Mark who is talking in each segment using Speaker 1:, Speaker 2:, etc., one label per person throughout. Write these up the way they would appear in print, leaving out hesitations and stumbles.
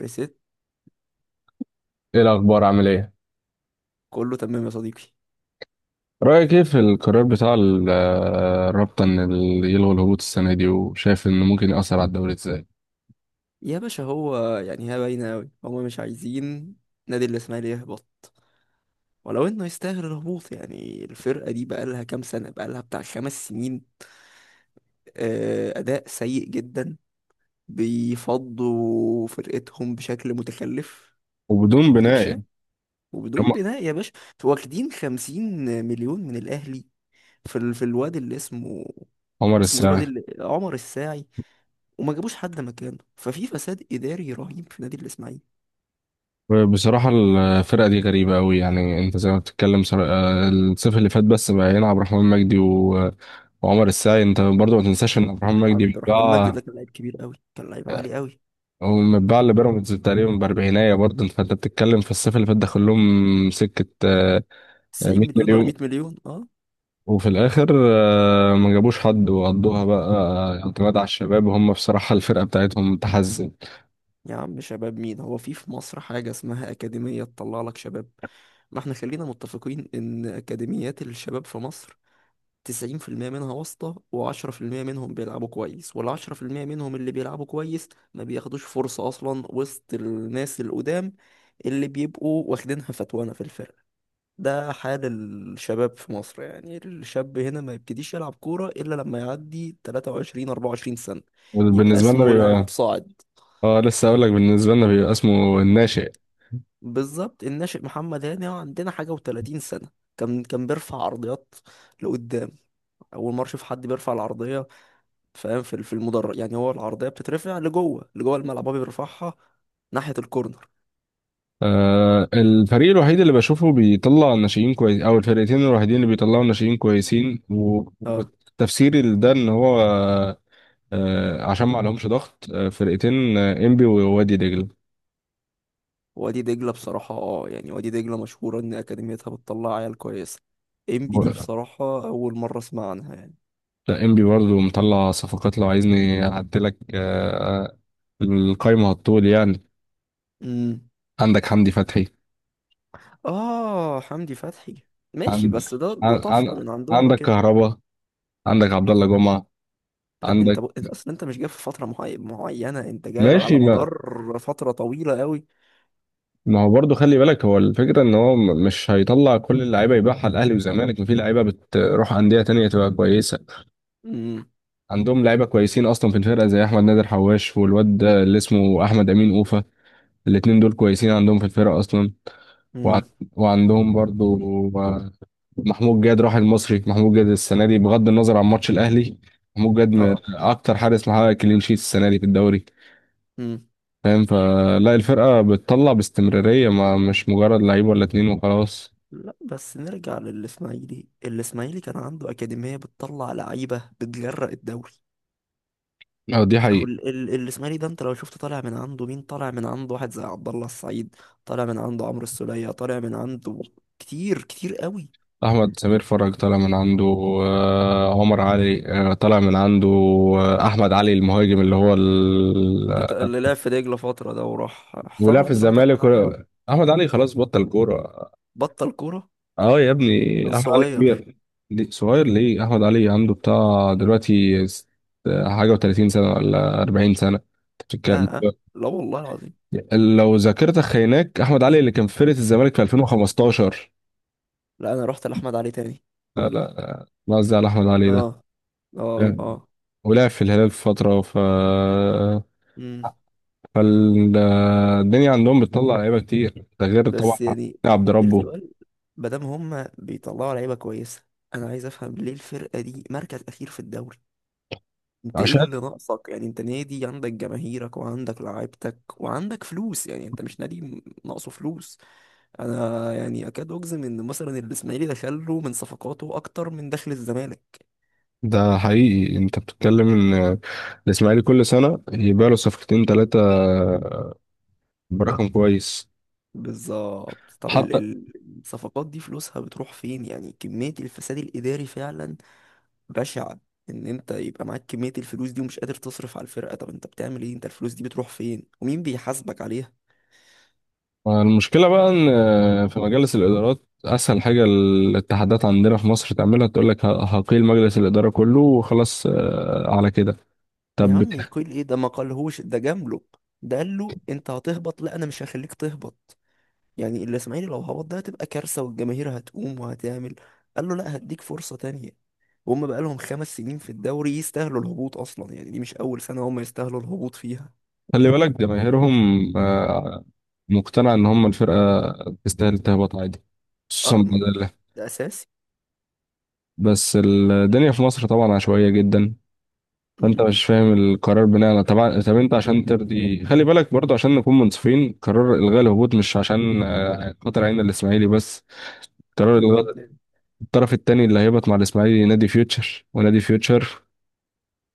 Speaker 1: ريست.
Speaker 2: ايه الاخبار، عامل ايه؟
Speaker 1: كله تمام يا صديقي.
Speaker 2: رايك ايه في القرار بتاع الرابطه ان يلغوا الهبوط السنه دي، وشايف انه ممكن ياثر على الدوري ازاي؟
Speaker 1: يا باشا، هو يعني هي باينة أوي، هما مش عايزين نادي الإسماعيلي يهبط. ولو إنه يستاهل الهبوط، يعني الفرقة دي بقالها كام سنة، بقالها بتاع 5 سنين. أداء سيء جدا، بيفضوا فرقتهم بشكل متخلف
Speaker 2: وبدون
Speaker 1: وأديك
Speaker 2: بناء
Speaker 1: شايف.
Speaker 2: يعني.
Speaker 1: وبدون
Speaker 2: عم-
Speaker 1: بناء يا باشا، واخدين 50 مليون من الأهلي في الواد اللي اسمه
Speaker 2: عمر
Speaker 1: اسمه ايه، الواد
Speaker 2: السعيد.
Speaker 1: اللي عمر الساعي. وما جابوش حد مكانه، ففي فساد إداري رهيب في نادي الإسماعيلي.
Speaker 2: بصراحه الفرقه دي غريبه قوي، يعني انت زي ما بتتكلم الصيف اللي فات بس بقى يلعب رحمن مجدي وعمر السعيد. انت برضه ما تنساش ان رحمن مجدي
Speaker 1: عبد الرحمن مجدي
Speaker 2: بيتباع.
Speaker 1: ده كان لعيب كبير قوي، كان لعيب عالي قوي.
Speaker 2: هو متباع لبيراميدز تقريبا باربعينايه، برضه فانت بتتكلم في الصيف اللي فات دخل لهم سكه
Speaker 1: 90
Speaker 2: 100
Speaker 1: مليون ولا
Speaker 2: مليون.
Speaker 1: 100 مليون، اه.
Speaker 2: وفي الاخر ما جابوش حد، وقضوها بقى اعتماد على الشباب، وهم بصراحه الفرقه بتاعتهم متحزن.
Speaker 1: يا عم شباب مين؟ هو في مصر حاجة اسمها أكاديمية تطلع لك شباب؟ ما احنا خلينا متفقين إن أكاديميات الشباب في مصر، 90% منها واسطة و10% منهم بيلعبوا كويس، وال10% منهم اللي بيلعبوا كويس ما بياخدوش فرصة أصلا وسط الناس القدام اللي بيبقوا واخدينها فتوانة في الفرق. ده حال الشباب في مصر، يعني الشاب هنا ما يبتديش يلعب كورة إلا لما يعدي 23 24 سنة يبقى
Speaker 2: وبالنسبه لنا
Speaker 1: اسمه لاعب
Speaker 2: بيبقى،
Speaker 1: صاعد.
Speaker 2: اه لسه اقول لك، بالنسبه لنا بيبقى اسمه الناشئ.
Speaker 1: بالظبط الناشئ. محمد هاني هو عندنا حاجة و30 سنة. كان بيرفع عرضيات لقدام. أول مرة أشوف حد بيرفع العرضية، فاهم؟ في المدرج. يعني هو العرضية بتترفع لجوه، لجوه الملعب هو بيرفعها ناحية الكورنر.
Speaker 2: الفريق الوحيد اللي بشوفه بيطلع ناشئين كويس، او الفرقتين الوحيدين اللي بيطلعوا ناشئين كويسين، والتفسير ده ان هو عشان ما عليهمش ضغط، فرقتين، انبي ووادي دجله.
Speaker 1: وادي دجلة بصراحة، اه، يعني وادي دجلة مشهورة إن أكاديميتها بتطلع عيال كويسة. إم بي دي بصراحة أول مرة أسمع عنها يعني.
Speaker 2: لا، انبي برضه مطلع صفقات، لو عايزني اعدلك القايمة هتطول يعني.
Speaker 1: امم،
Speaker 2: عندك حمدي فتحي.
Speaker 1: آه، حمدي فتحي. ماشي،
Speaker 2: عند...
Speaker 1: بس ده
Speaker 2: عن...
Speaker 1: ده طفرة
Speaker 2: عن...
Speaker 1: من عندهم
Speaker 2: عندك
Speaker 1: كده.
Speaker 2: كهربا. عندك عبد الله جمعة.
Speaker 1: لا انت
Speaker 2: عندك.
Speaker 1: انت اصلا انت مش جايب في فترة معينة، انت جايب
Speaker 2: ماشي،
Speaker 1: على مدار فترة طويلة قوي.
Speaker 2: ما هو برضه خلي بالك، هو الفكرة ان هو مش هيطلع كل اللعيبة يبيعها الاهلي والزمالك، ما في لعيبة بتروح أندية تانية تبقى كويسة.
Speaker 1: امم،
Speaker 2: عندهم لعيبة كويسين اصلا في الفرقة، زي احمد نادر حواش، والواد ده اللي اسمه احمد امين اوفة. الاتنين دول كويسين عندهم في الفرقة اصلا. وع-
Speaker 1: امم،
Speaker 2: وعندهم برضو آه، محمود جاد. راح المصري محمود جاد السنه دي، بغض النظر عن ماتش الاهلي، محمود جاد من
Speaker 1: اه،
Speaker 2: اكتر حارس محقق كلين شيت السنه دي في الدوري.
Speaker 1: امم.
Speaker 2: فاهم، فلا الفرقه بتطلع باستمراريه، ما مش مجرد لعيب ولا اتنين وخلاص.
Speaker 1: لا بس نرجع للاسماعيلي. الاسماعيلي كان عنده أكاديمية بتطلع لعيبة بتجرأ الدوري.
Speaker 2: دي
Speaker 1: اهو
Speaker 2: حقيقه.
Speaker 1: الاسماعيلي ده، انت لو شفت طالع من عنده مين. طالع من عنده واحد زي عبد الله السعيد، طالع من عنده عمرو السولية، طالع من عنده كتير كتير قوي.
Speaker 2: احمد سمير فرج طالع من عنده. عمر علي طالع من عنده. احمد علي المهاجم، اللي هو
Speaker 1: بتاع اللي لعب في دجلة فترة ده وراح
Speaker 2: ولا
Speaker 1: احترف
Speaker 2: في
Speaker 1: دلوقتي، احمد
Speaker 2: الزمالك
Speaker 1: علي ولا؟
Speaker 2: احمد علي خلاص بطل كوره.
Speaker 1: بطل كورة.
Speaker 2: اه يا
Speaker 1: كان
Speaker 2: ابني، احمد علي
Speaker 1: صغير.
Speaker 2: كبير. صغير ليه؟ احمد علي عنده بتاع دلوقتي حاجه و30 سنه ولا 40 سنه أنت
Speaker 1: اه،
Speaker 2: بتتكلم.
Speaker 1: آه. لا والله العظيم.
Speaker 2: لو ذاكرتك خيناك، احمد علي اللي كان في فرقه الزمالك في 2015.
Speaker 1: لا انا رحت لاحمد علي تاني.
Speaker 2: لا لا لا، قصدي على احمد علي
Speaker 1: اه،
Speaker 2: ده.
Speaker 1: اه،
Speaker 2: مم.
Speaker 1: اه.
Speaker 2: ولعب في الهلال في فتره،
Speaker 1: امم.
Speaker 2: فالدنيا عندهم بتطلع لعيبه كتير، ده غير طبعا
Speaker 1: بس يعني
Speaker 2: عبد ربه.
Speaker 1: السؤال، ما دام هما بيطلعوا لعيبة كويسة، انا عايز افهم ليه الفرقة دي مركز اخير في الدوري. انت ايه
Speaker 2: عشان
Speaker 1: اللي ناقصك؟ يعني انت نادي عندك جماهيرك وعندك لعيبتك وعندك فلوس، يعني انت مش نادي ناقصه فلوس. انا يعني اكاد اجزم ان مثلا الاسماعيلي دخل له من صفقاته اكتر من دخل الزمالك.
Speaker 2: ده حقيقي انت بتتكلم، ان الاسماعيلي كل سنه يبيع له صفقتين ثلاثه برقم كويس.
Speaker 1: بالظبط، طب
Speaker 2: حتى
Speaker 1: الصفقات دي فلوسها بتروح فين؟ يعني كمية الفساد الاداري فعلا بشعة. ان انت يبقى معاك كمية الفلوس دي ومش قادر تصرف على الفرقة، طب انت بتعمل ايه؟ انت الفلوس دي بتروح فين؟ ومين بيحاسبك عليها؟
Speaker 2: المشكلة بقى إن في مجالس الإدارات، أسهل حاجة الاتحادات عندنا في مصر تعملها تقول لك هقيل مجلس الإدارة كله وخلاص على كده.
Speaker 1: يا
Speaker 2: طب
Speaker 1: عم
Speaker 2: بت-
Speaker 1: يقول ايه؟ ده ما قالهوش، ده جامله. ده قال له انت هتهبط، لا انا مش هخليك تهبط. يعني الاسماعيلي لو هبط ده هتبقى كارثه والجماهير هتقوم وهتعمل. قال له لا، هديك فرصه تانية. وهم بقى لهم 5 سنين في الدوري يستاهلوا الهبوط اصلا، يعني دي مش اول سنه هم يستاهلوا الهبوط فيها.
Speaker 2: خلي بالك جماهيرهم آه، مقتنع إن هم الفرقة تستاهل تهبط عادي، خصوصا
Speaker 1: اه،
Speaker 2: بدل.
Speaker 1: ده اساسي.
Speaker 2: بس الدنيا في مصر طبعا عشوائية جدا، فانت
Speaker 1: مم.
Speaker 2: مش فاهم القرار بناء على طبعا. طب انت عشان ترضي، خلي بالك برضو عشان نكون منصفين، قرار الغاء الهبوط مش عشان خاطر عين الاسماعيلي بس. قرار
Speaker 1: عشان
Speaker 2: الغاء،
Speaker 1: مين تاني؟
Speaker 2: الطرف الثاني اللي هيهبط مع الاسماعيلي نادي فيوتشر، ونادي فيوتشر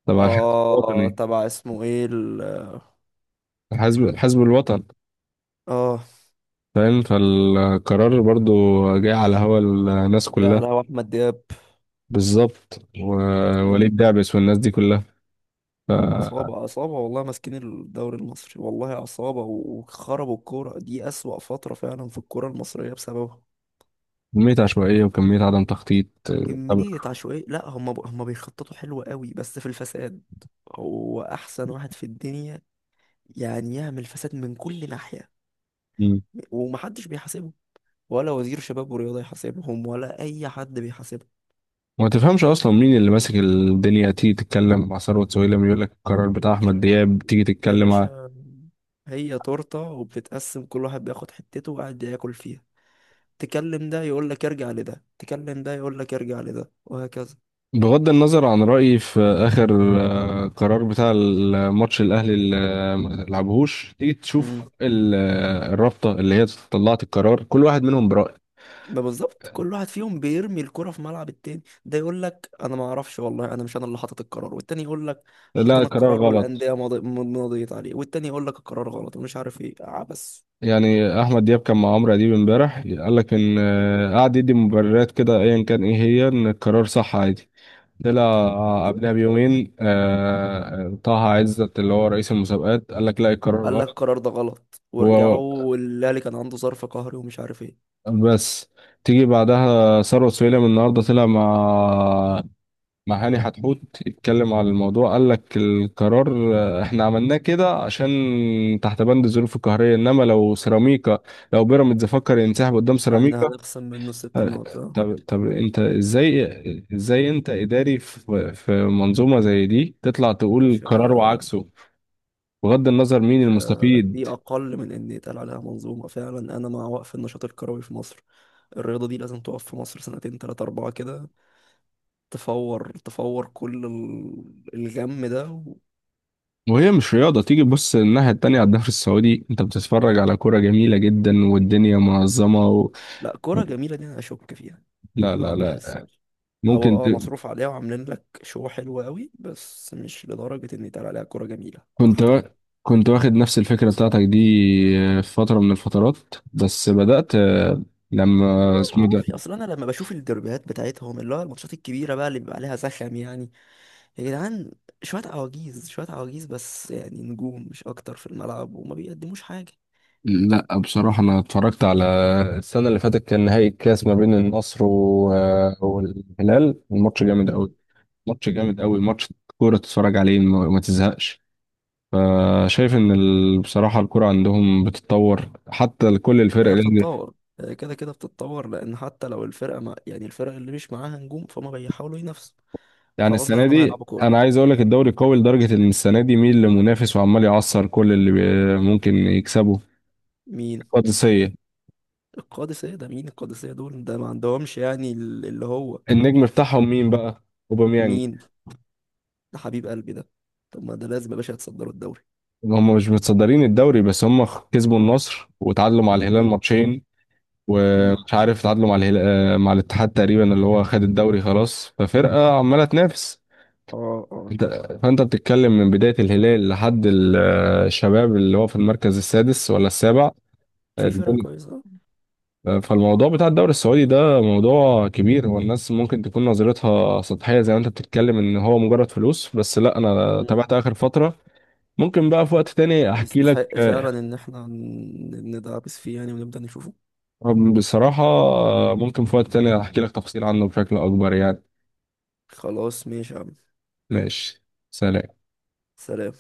Speaker 2: طبعا الحزب
Speaker 1: اه،
Speaker 2: الوطني،
Speaker 1: تبع اسمه ايه
Speaker 2: حزب الوطن.
Speaker 1: اه
Speaker 2: فاهم، فالقرار برضو جاي على هوا الناس
Speaker 1: ده
Speaker 2: كلها.
Speaker 1: على هو احمد دياب.
Speaker 2: بالظبط،
Speaker 1: مم.
Speaker 2: ووليد دعبس والناس دي كلها. فكمية
Speaker 1: عصابة، عصابة والله، ماسكين الدوري المصري، والله عصابة، وخربوا الكورة دي. أسوأ فترة فعلا في الكورة المصرية بسببها.
Speaker 2: عشوائية، وكمية عدم تخطيط
Speaker 1: كمية عشوائية. لا هم هم بيخططوا حلو قوي، بس في الفساد هو أحسن واحد في الدنيا، يعني يعمل فساد من كل ناحية
Speaker 2: طب
Speaker 1: ومحدش بيحاسبه. ولا وزير شباب ورياضة يحاسبهم، ولا أي حد بيحاسبهم.
Speaker 2: ما تفهمش اصلا مين اللي ماسك الدنيا. تيجي تتكلم مع ثروت سويلم يقول لك القرار
Speaker 1: يا
Speaker 2: بتاع احمد
Speaker 1: باشا،
Speaker 2: دياب، تيجي
Speaker 1: يا
Speaker 2: تتكلم
Speaker 1: باشا، هي تورتة وبتتقسم، كل واحد بياخد حتته وقاعد ياكل فيها. تكلم ده يقول لك ارجع لده، تكلم ده يقول لك ارجع لده، وهكذا.
Speaker 2: بغض النظر عن رايي في اخر قرار بتاع الماتش الاهلي اللي ما لعبهوش، تيجي تشوف
Speaker 1: امم.
Speaker 2: الرابطه اللي هي طلعت القرار، كل واحد منهم براي.
Speaker 1: ما بالظبط كل واحد فيهم بيرمي الكرة في ملعب التاني. ده يقول لك انا ما اعرفش والله، انا مش انا اللي حاطط القرار. والتاني يقول لك
Speaker 2: لا
Speaker 1: حطينا
Speaker 2: القرار
Speaker 1: القرار
Speaker 2: غلط.
Speaker 1: والانديه مضيت عليه. والتاني يقول لك القرار غلط ومش عارف ايه عبس.
Speaker 2: يعني احمد دياب كان مع عمرو اديب امبارح، قال لك ان
Speaker 1: مم.
Speaker 2: قعد يدي مبررات كده، ايا كان ايه هي، ان القرار صح عادي. طلع قبلها
Speaker 1: بالظبط.
Speaker 2: بيومين طه عزت اللي هو رئيس المسابقات قال لك لا القرار
Speaker 1: قال لك
Speaker 2: غلط.
Speaker 1: القرار ده غلط
Speaker 2: هو
Speaker 1: وارجعوا، والاهلي كان عنده ظرف قهري ومش عارف ايه.
Speaker 2: بس، تيجي بعدها ثروت سويلم النهارده طلع مع هاني حتحوت يتكلم على الموضوع، قال لك القرار احنا عملناه كده عشان تحت بند الظروف القهريه، انما لو سيراميكا، لو بيراميدز فكر ينسحب قدام سيراميكا
Speaker 1: هنخصم منه ست
Speaker 2: آه،
Speaker 1: نقط آه.
Speaker 2: طب انت ازاي انت اداري في منظومه زي دي تطلع تقول
Speaker 1: باشا،
Speaker 2: قرار وعكسه؟ بغض النظر مين المستفيد.
Speaker 1: دي أقل من إن يتقال عليها منظومة فعلا. أنا مع وقف النشاط الكروي في مصر. الرياضة دي لازم تقف في مصر سنتين 3 4 كده، تفور تفور كل الغم ده و...
Speaker 2: وهي مش رياضة. تيجي بص الناحية التانية على الدوري السعودي، انت بتتفرج على كرة جميلة جدا، والدنيا منظمة
Speaker 1: لا، كرة جميلة دي أنا أشك فيها،
Speaker 2: لا
Speaker 1: ما
Speaker 2: لا لا،
Speaker 1: بحسهاش.
Speaker 2: ممكن
Speaker 1: هو
Speaker 2: ت...
Speaker 1: مصروف عليها وعاملين لك شو حلو قوي، بس مش لدرجة إن يتقال عليها كرة جميلة مع
Speaker 2: كنت و...
Speaker 1: احترامي.
Speaker 2: كنت واخد نفس الفكرة بتاعتك دي في فترة من الفترات. بس بدأت
Speaker 1: والله
Speaker 2: لما
Speaker 1: ما
Speaker 2: اسمه إيه
Speaker 1: اعرفش،
Speaker 2: ده.
Speaker 1: اصل انا لما بشوف الدربيات بتاعتهم اللي هو الماتشات الكبيره بقى اللي بيبقى عليها زخم، يعني يا جدعان، شوية عواجيز شوية عواجيز، بس يعني نجوم مش أكتر في الملعب وما بيقدموش حاجة.
Speaker 2: لا بصراحة أنا اتفرجت على السنة اللي فاتت، كان نهائي الكاس ما بين النصر و... آه، والهلال، الماتش جامد أوي.
Speaker 1: مم.
Speaker 2: ماتش كورة تتفرج عليه، ما تزهقش. فشايف ان بصراحه الكره عندهم بتتطور، حتى كل الفرق
Speaker 1: هي بتتطور، هي كده كده بتتطور، لأن حتى لو الفرقة مع، يعني الفرق اللي مش معاها نجوم فهم بيحاولوا ينافسوا،
Speaker 2: يعني
Speaker 1: فغصب
Speaker 2: السنه
Speaker 1: عنهم
Speaker 2: دي
Speaker 1: هيلعبوا
Speaker 2: انا
Speaker 1: كورة.
Speaker 2: عايز اقول لك الدوري قوي، لدرجه ان السنه دي مين لمنافس، وعمال يعصر كل اللي ممكن يكسبه.
Speaker 1: مين؟
Speaker 2: القادسيه.
Speaker 1: القادسية ده مين؟ القادسية دول ده ما عندهمش، يعني اللي هو.
Speaker 2: النجم بتاعهم مين بقى؟ اوباميانج.
Speaker 1: مين؟ ده حبيب قلبي ده. طب ما ده لازم يا باشا يتصدروا الدوري.
Speaker 2: هم مش متصدرين الدوري، بس هم كسبوا النصر وتعادلوا مع الهلال
Speaker 1: مم.
Speaker 2: ماتشين.
Speaker 1: مم.
Speaker 2: ومش عارف تعادلوا مع الهلال، مع الاتحاد تقريبا اللي هو خد الدوري خلاص. ففرقه عماله تنافس.
Speaker 1: اه، اه.
Speaker 2: انت، فانت بتتكلم من بداية الهلال لحد الشباب اللي هو في المركز السادس ولا السابع.
Speaker 1: في فرقة
Speaker 2: الدنيا-
Speaker 1: كويسة.
Speaker 2: فالموضوع بتاع الدوري السعودي ده موضوع كبير، والناس ممكن تكون نظرتها سطحية زي ما انت بتتكلم ان هو مجرد فلوس بس. لا انا
Speaker 1: مم.
Speaker 2: تابعت اخر فترة. ممكن بقى في وقت تاني احكي لك
Speaker 1: يستحق فعلا إن احنا ندعبس فيه يعني، ونبدأ نشوفه.
Speaker 2: بصراحة. ممكن في وقت تاني احكي لك تفصيل عنه بشكل اكبر يعني.
Speaker 1: خلاص ماشي يا عم.
Speaker 2: ماشي. سلام.
Speaker 1: سلام.